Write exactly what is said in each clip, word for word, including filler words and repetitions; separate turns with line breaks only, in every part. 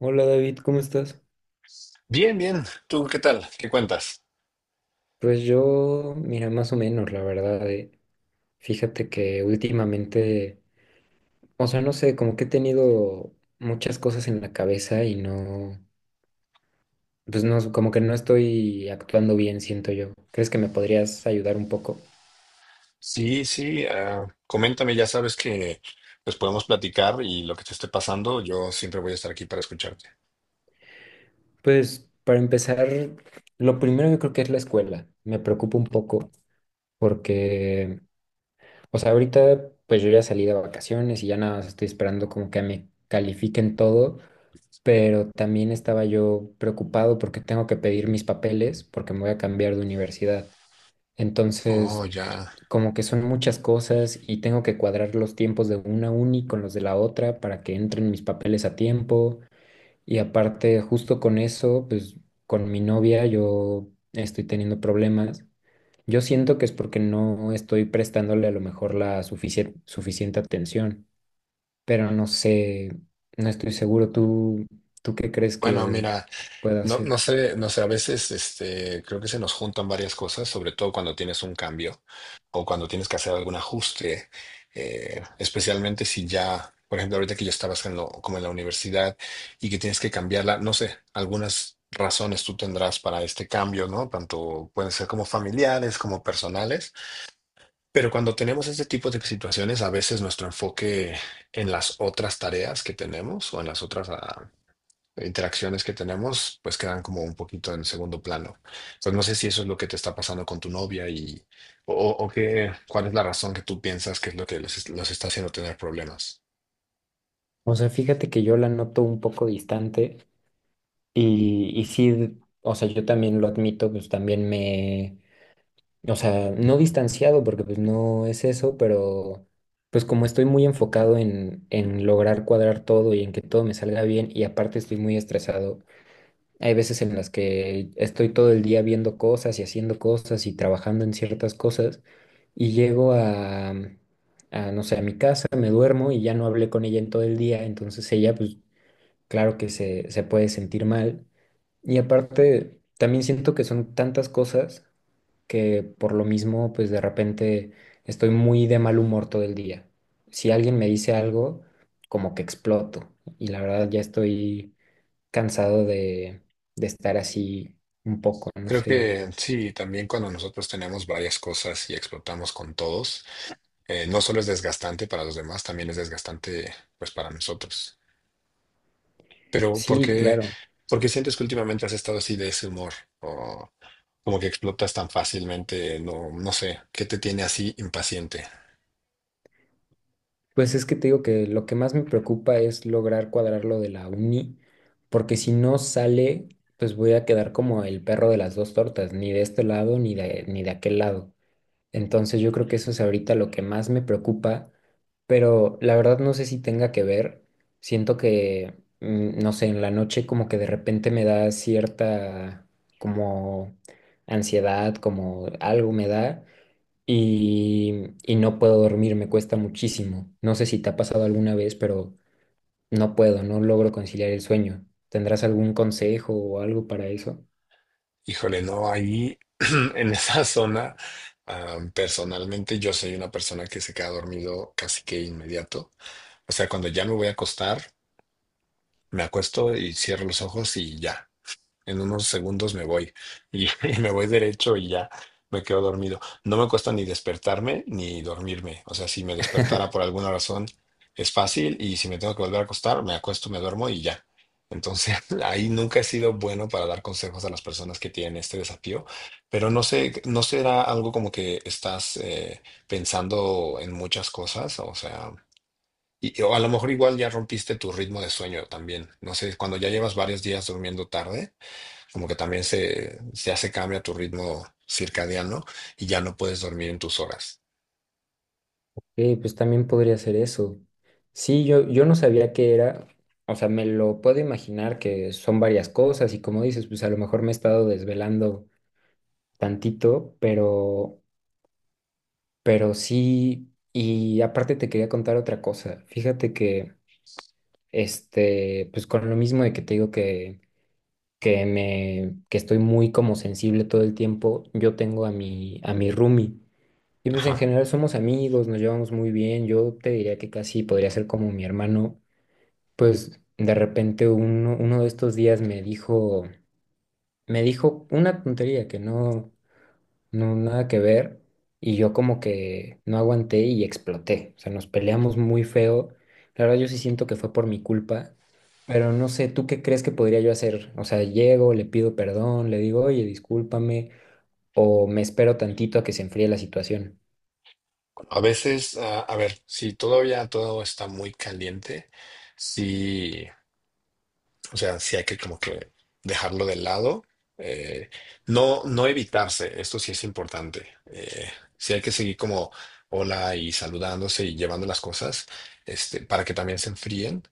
Hola David, ¿cómo estás?
Bien, bien. ¿Tú qué tal? ¿Qué cuentas?
Pues yo, mira, más o menos, la verdad. eh. Fíjate que últimamente, o sea, no sé, como que he tenido muchas cosas en la cabeza y no, pues no, como que no estoy actuando bien, siento yo. ¿Crees que me podrías ayudar un poco?
Sí, sí. ah, coméntame, ya sabes que pues podemos platicar y lo que te esté pasando, yo siempre voy a estar aquí para escucharte.
Pues para empezar, lo primero yo creo que es la escuela. Me preocupa un poco porque, o sea, ahorita pues yo ya salí de vacaciones y ya nada más estoy esperando como que me califiquen todo, pero también estaba yo preocupado porque tengo que pedir mis papeles porque me voy a cambiar de universidad.
Oh,
Entonces,
ya.
como que son muchas cosas y tengo que cuadrar los tiempos de una uni con los de la otra para que entren mis papeles a tiempo. Y aparte, justo con eso, pues con mi novia yo estoy teniendo problemas. Yo siento que es porque no estoy prestándole a lo mejor la suficie- suficiente atención, pero no sé, no estoy seguro. ¿Tú, tú qué crees
Bueno,
que
mira.
pueda
No, no
hacer?
sé, no sé, a veces este, creo que se nos juntan varias cosas, sobre todo cuando tienes un cambio o cuando tienes que hacer algún ajuste, eh, especialmente si ya, por ejemplo, ahorita que yo estaba haciendo como en la universidad y que tienes que cambiarla, no sé, algunas razones tú tendrás para este cambio, ¿no? Tanto pueden ser como familiares, como personales, pero cuando tenemos este tipo de situaciones, a veces nuestro enfoque en las otras tareas que tenemos o en las otras ah, interacciones que tenemos, pues quedan como un poquito en segundo plano. Entonces no sé si eso es lo que te está pasando con tu novia y o, o qué, cuál es la razón que tú piensas que es lo que los, los está haciendo tener problemas.
O sea, fíjate que yo la noto un poco distante y, y sí, o sea, yo también lo admito, pues también me, o sea, no distanciado porque pues no es eso, pero pues como estoy muy enfocado en, en, lograr cuadrar todo y en que todo me salga bien, y aparte estoy muy estresado. Hay veces en las que estoy todo el día viendo cosas y haciendo cosas y trabajando en ciertas cosas, y llego a, a, no sé, a mi casa, me duermo y ya no hablé con ella en todo el día, entonces ella, pues claro que se, se puede sentir mal. Y aparte, también siento que son tantas cosas que por lo mismo, pues de repente estoy muy de mal humor todo el día. Si alguien me dice algo, como que exploto, y la verdad ya estoy cansado de, de estar así un poco, no
Creo
sé.
que sí, también cuando nosotros tenemos varias cosas y explotamos con todos, eh, no solo es desgastante para los demás, también es desgastante pues para nosotros. Pero ¿por
Sí,
qué,
claro.
por qué sientes que últimamente has estado así de ese humor? Como que explotas tan fácilmente, no, no sé, ¿qué te tiene así impaciente?
Pues es que te digo que lo que más me preocupa es lograr cuadrar lo de la uni, porque si no sale, pues voy a quedar como el perro de las dos tortas, ni de este lado ni de, ni de aquel lado. Entonces yo creo que eso es ahorita lo que más me preocupa, pero la verdad no sé si tenga que ver. Siento que, mm, no sé, en la noche como que de repente me da cierta como ansiedad, como algo me da, y, y no puedo dormir, me cuesta muchísimo. No sé si te ha pasado alguna vez, pero no puedo, no logro conciliar el sueño. ¿Tendrás algún consejo o algo para eso?
Híjole, no, ahí en esa zona, ah, personalmente yo soy una persona que se queda dormido casi que inmediato. O sea, cuando ya me voy a acostar, me acuesto y cierro los ojos y ya. En unos segundos me voy. Y, y me voy derecho y ya me quedo dormido. No me cuesta ni despertarme ni dormirme. O sea, si me despertara por alguna razón es fácil y si me tengo que volver a acostar, me acuesto, me duermo y ya. Entonces, ahí nunca he sido bueno para dar consejos a las personas que tienen este desafío, pero no sé, no será algo como que estás eh, pensando en muchas cosas, o sea, y o a lo mejor igual ya rompiste tu ritmo de sueño también. No sé, cuando ya llevas varios días durmiendo tarde, como que también se, ya se cambia tu ritmo circadiano y ya no puedes dormir en tus horas.
Eh, pues también podría ser eso. Sí, yo, yo no sabía qué era, o sea, me lo puedo imaginar que son varias cosas y como dices, pues a lo mejor me he estado desvelando tantito, pero, pero sí, y aparte te quería contar otra cosa. Fíjate que, este, pues con lo mismo de que te digo que, que me, que estoy muy como sensible todo el tiempo, yo tengo a mi, a mi, roomie. Y pues en
Ajá.
general somos amigos, nos llevamos muy bien. Yo te diría que casi podría ser como mi hermano. Pues de repente uno, uno de estos días me dijo, me dijo una tontería que no, no, nada que ver, y yo como que no aguanté y exploté. O sea, nos peleamos muy feo. La verdad, yo sí siento que fue por mi culpa, pero no sé, ¿tú qué crees que podría yo hacer? O sea, llego, le pido perdón, le digo, oye, discúlpame, o me espero tantito a que se enfríe la situación.
A veces, ah, a ver, si todavía todo está muy caliente, sí. O sea, sí hay que como que dejarlo de lado. eh, no, no evitarse, esto sí es importante. eh, sí hay que seguir como hola y saludándose y llevando las cosas, este, para que también se enfríen.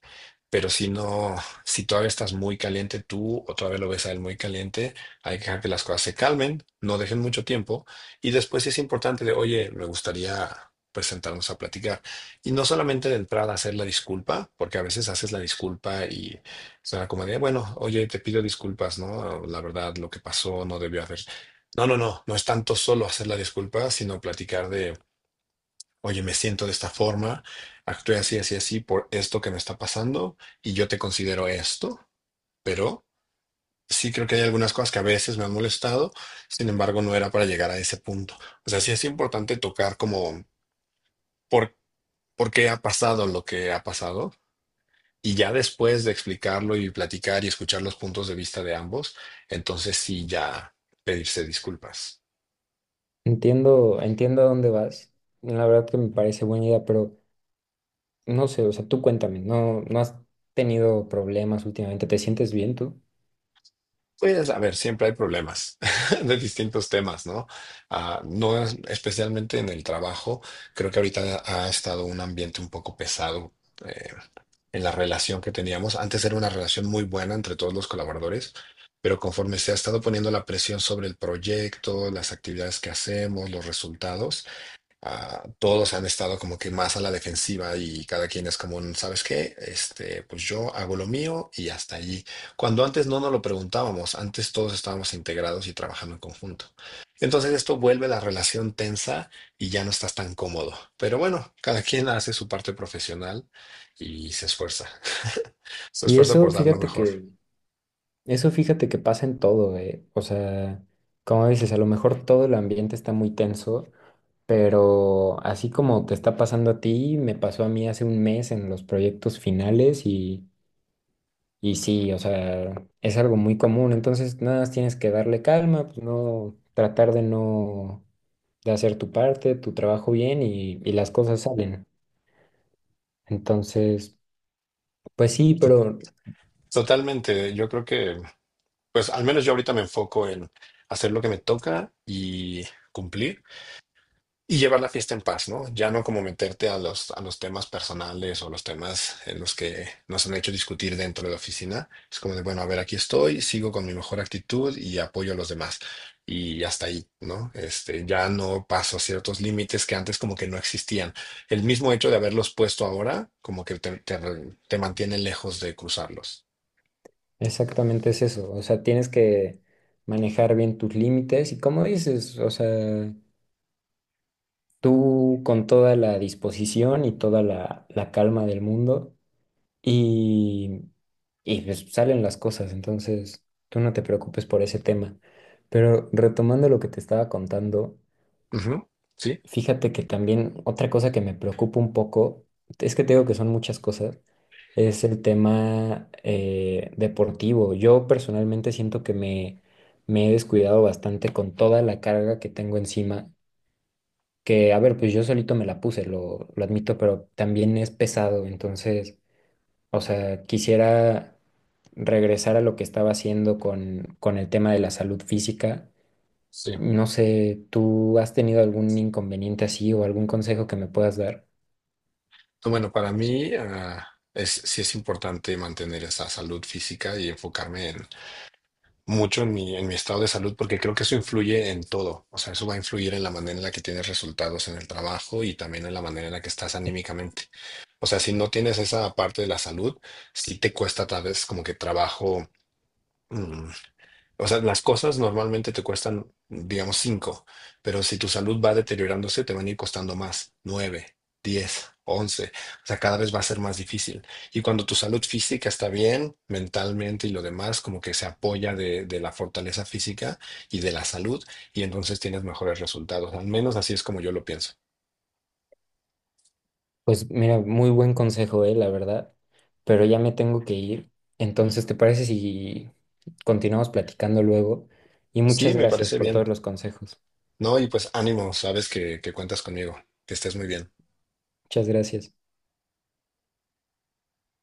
Pero si no, si todavía estás muy caliente tú o todavía lo ves a él muy caliente, hay que dejar que las cosas se calmen, no dejen mucho tiempo. Y después sí es importante de, oye, me gustaría pues sentarnos a platicar. Y no solamente de entrada hacer la disculpa, porque a veces haces la disculpa y o sea, como de, bueno, oye, te pido disculpas, ¿no? La verdad, lo que pasó no debió haber. No, no, no, no es tanto solo hacer la disculpa, sino platicar de, oye, me siento de esta forma, actué así, así, así por esto que me está pasando y yo te considero esto, pero sí creo que hay algunas cosas que a veces me han molestado, sin embargo, no era para llegar a ese punto. O sea, sí es importante tocar como por, por qué ha pasado lo que ha pasado, y ya después de explicarlo y platicar y escuchar los puntos de vista de ambos, entonces sí ya pedirse disculpas.
Entiendo, entiendo a dónde vas. La verdad que me parece buena idea, pero. No sé, o sea, tú cuéntame, ¿no, no has tenido problemas últimamente? ¿Te sientes bien tú?
Pues a ver, siempre hay problemas de distintos temas, ¿no? Ah, no es- especialmente en el trabajo, creo que ahorita ha estado un ambiente un poco pesado eh, en la relación que teníamos. Antes era una relación muy buena entre todos los colaboradores, pero conforme se ha estado poniendo la presión sobre el proyecto, las actividades que hacemos, los resultados, ah, todos han estado como que más a la defensiva y cada quien es como un, ¿sabes qué? Este, pues yo hago lo mío y hasta allí. Cuando antes no nos lo preguntábamos, antes todos estábamos integrados y trabajando en conjunto. Entonces esto vuelve la relación tensa y ya no estás tan cómodo. Pero bueno, cada quien hace su parte profesional y se esfuerza. Se
Y
esfuerza
eso,
por dar lo
fíjate
mejor.
que, eso fíjate que pasa en todo, eh. O sea, como dices, a lo mejor todo el ambiente está muy tenso, pero así como te está pasando a ti, me pasó a mí hace un mes en los proyectos finales, y, y sí, o sea, es algo muy común. Entonces, nada más tienes que darle calma, pues no, tratar de no, de hacer tu parte, tu trabajo bien, y, y las cosas salen. Entonces, pues sí,
To-
pero
Totalmente. Yo creo que, pues al menos yo ahorita me enfoco en hacer lo que me toca y cumplir y llevar la fiesta en paz, ¿no? Ya no como meterte a los, a los temas personales o los temas en los que nos han hecho discutir dentro de la oficina. Es como de, bueno, a ver, aquí estoy, sigo con mi mejor actitud y apoyo a los demás. Y hasta ahí, ¿no? Este, ya no paso ciertos límites que antes como que no existían. El mismo hecho de haberlos puesto ahora, como que te, te, te mantiene lejos de cruzarlos.
exactamente es eso. O sea, tienes que manejar bien tus límites y como dices, o sea, tú con toda la disposición y toda la, la calma del mundo, y, y pues salen las cosas. Entonces, tú no te preocupes por ese tema. Pero retomando lo que te estaba contando.
Ujú. Sí,
Fíjate que también otra cosa que me preocupa un poco, es que te digo que son muchas cosas, es el tema eh, deportivo. Yo personalmente siento que me, me, he descuidado bastante con toda la carga que tengo encima, que a ver, pues yo solito me la puse, lo, lo admito, pero también es pesado, entonces, o sea, quisiera regresar a lo que estaba haciendo con, con el tema de la salud física.
sí.
No sé, ¿tú has tenido algún inconveniente así o algún consejo que me puedas dar?
Bueno, para mí, ah, es, sí es importante mantener esa salud física y enfocarme en mucho en mi, en mi estado de salud porque creo que eso influye en todo. O sea, eso va a influir en la manera en la que tienes resultados en el trabajo y también en la manera en la que estás anímicamente. O sea, si no tienes esa parte de la salud, sí te cuesta tal vez como que trabajo. mm, o sea, las cosas normalmente te cuestan, digamos, cinco, pero si tu salud va deteriorándose, te van a ir costando más, nueve, diez, once. O sea, cada vez va a ser más difícil. Y cuando tu salud física está bien, mentalmente y lo demás, como que se apoya de, de la fortaleza física y de la salud, y entonces tienes mejores resultados. Al menos así es como yo lo pienso.
Pues mira, muy buen consejo, eh, la verdad, pero ya me tengo que ir. Entonces, ¿te parece si continuamos platicando luego? Y
Sí,
muchas
me
gracias
parece
por
bien.
todos los consejos.
No, y pues ánimo, sabes que, que cuentas conmigo, que estés muy bien.
Muchas gracias.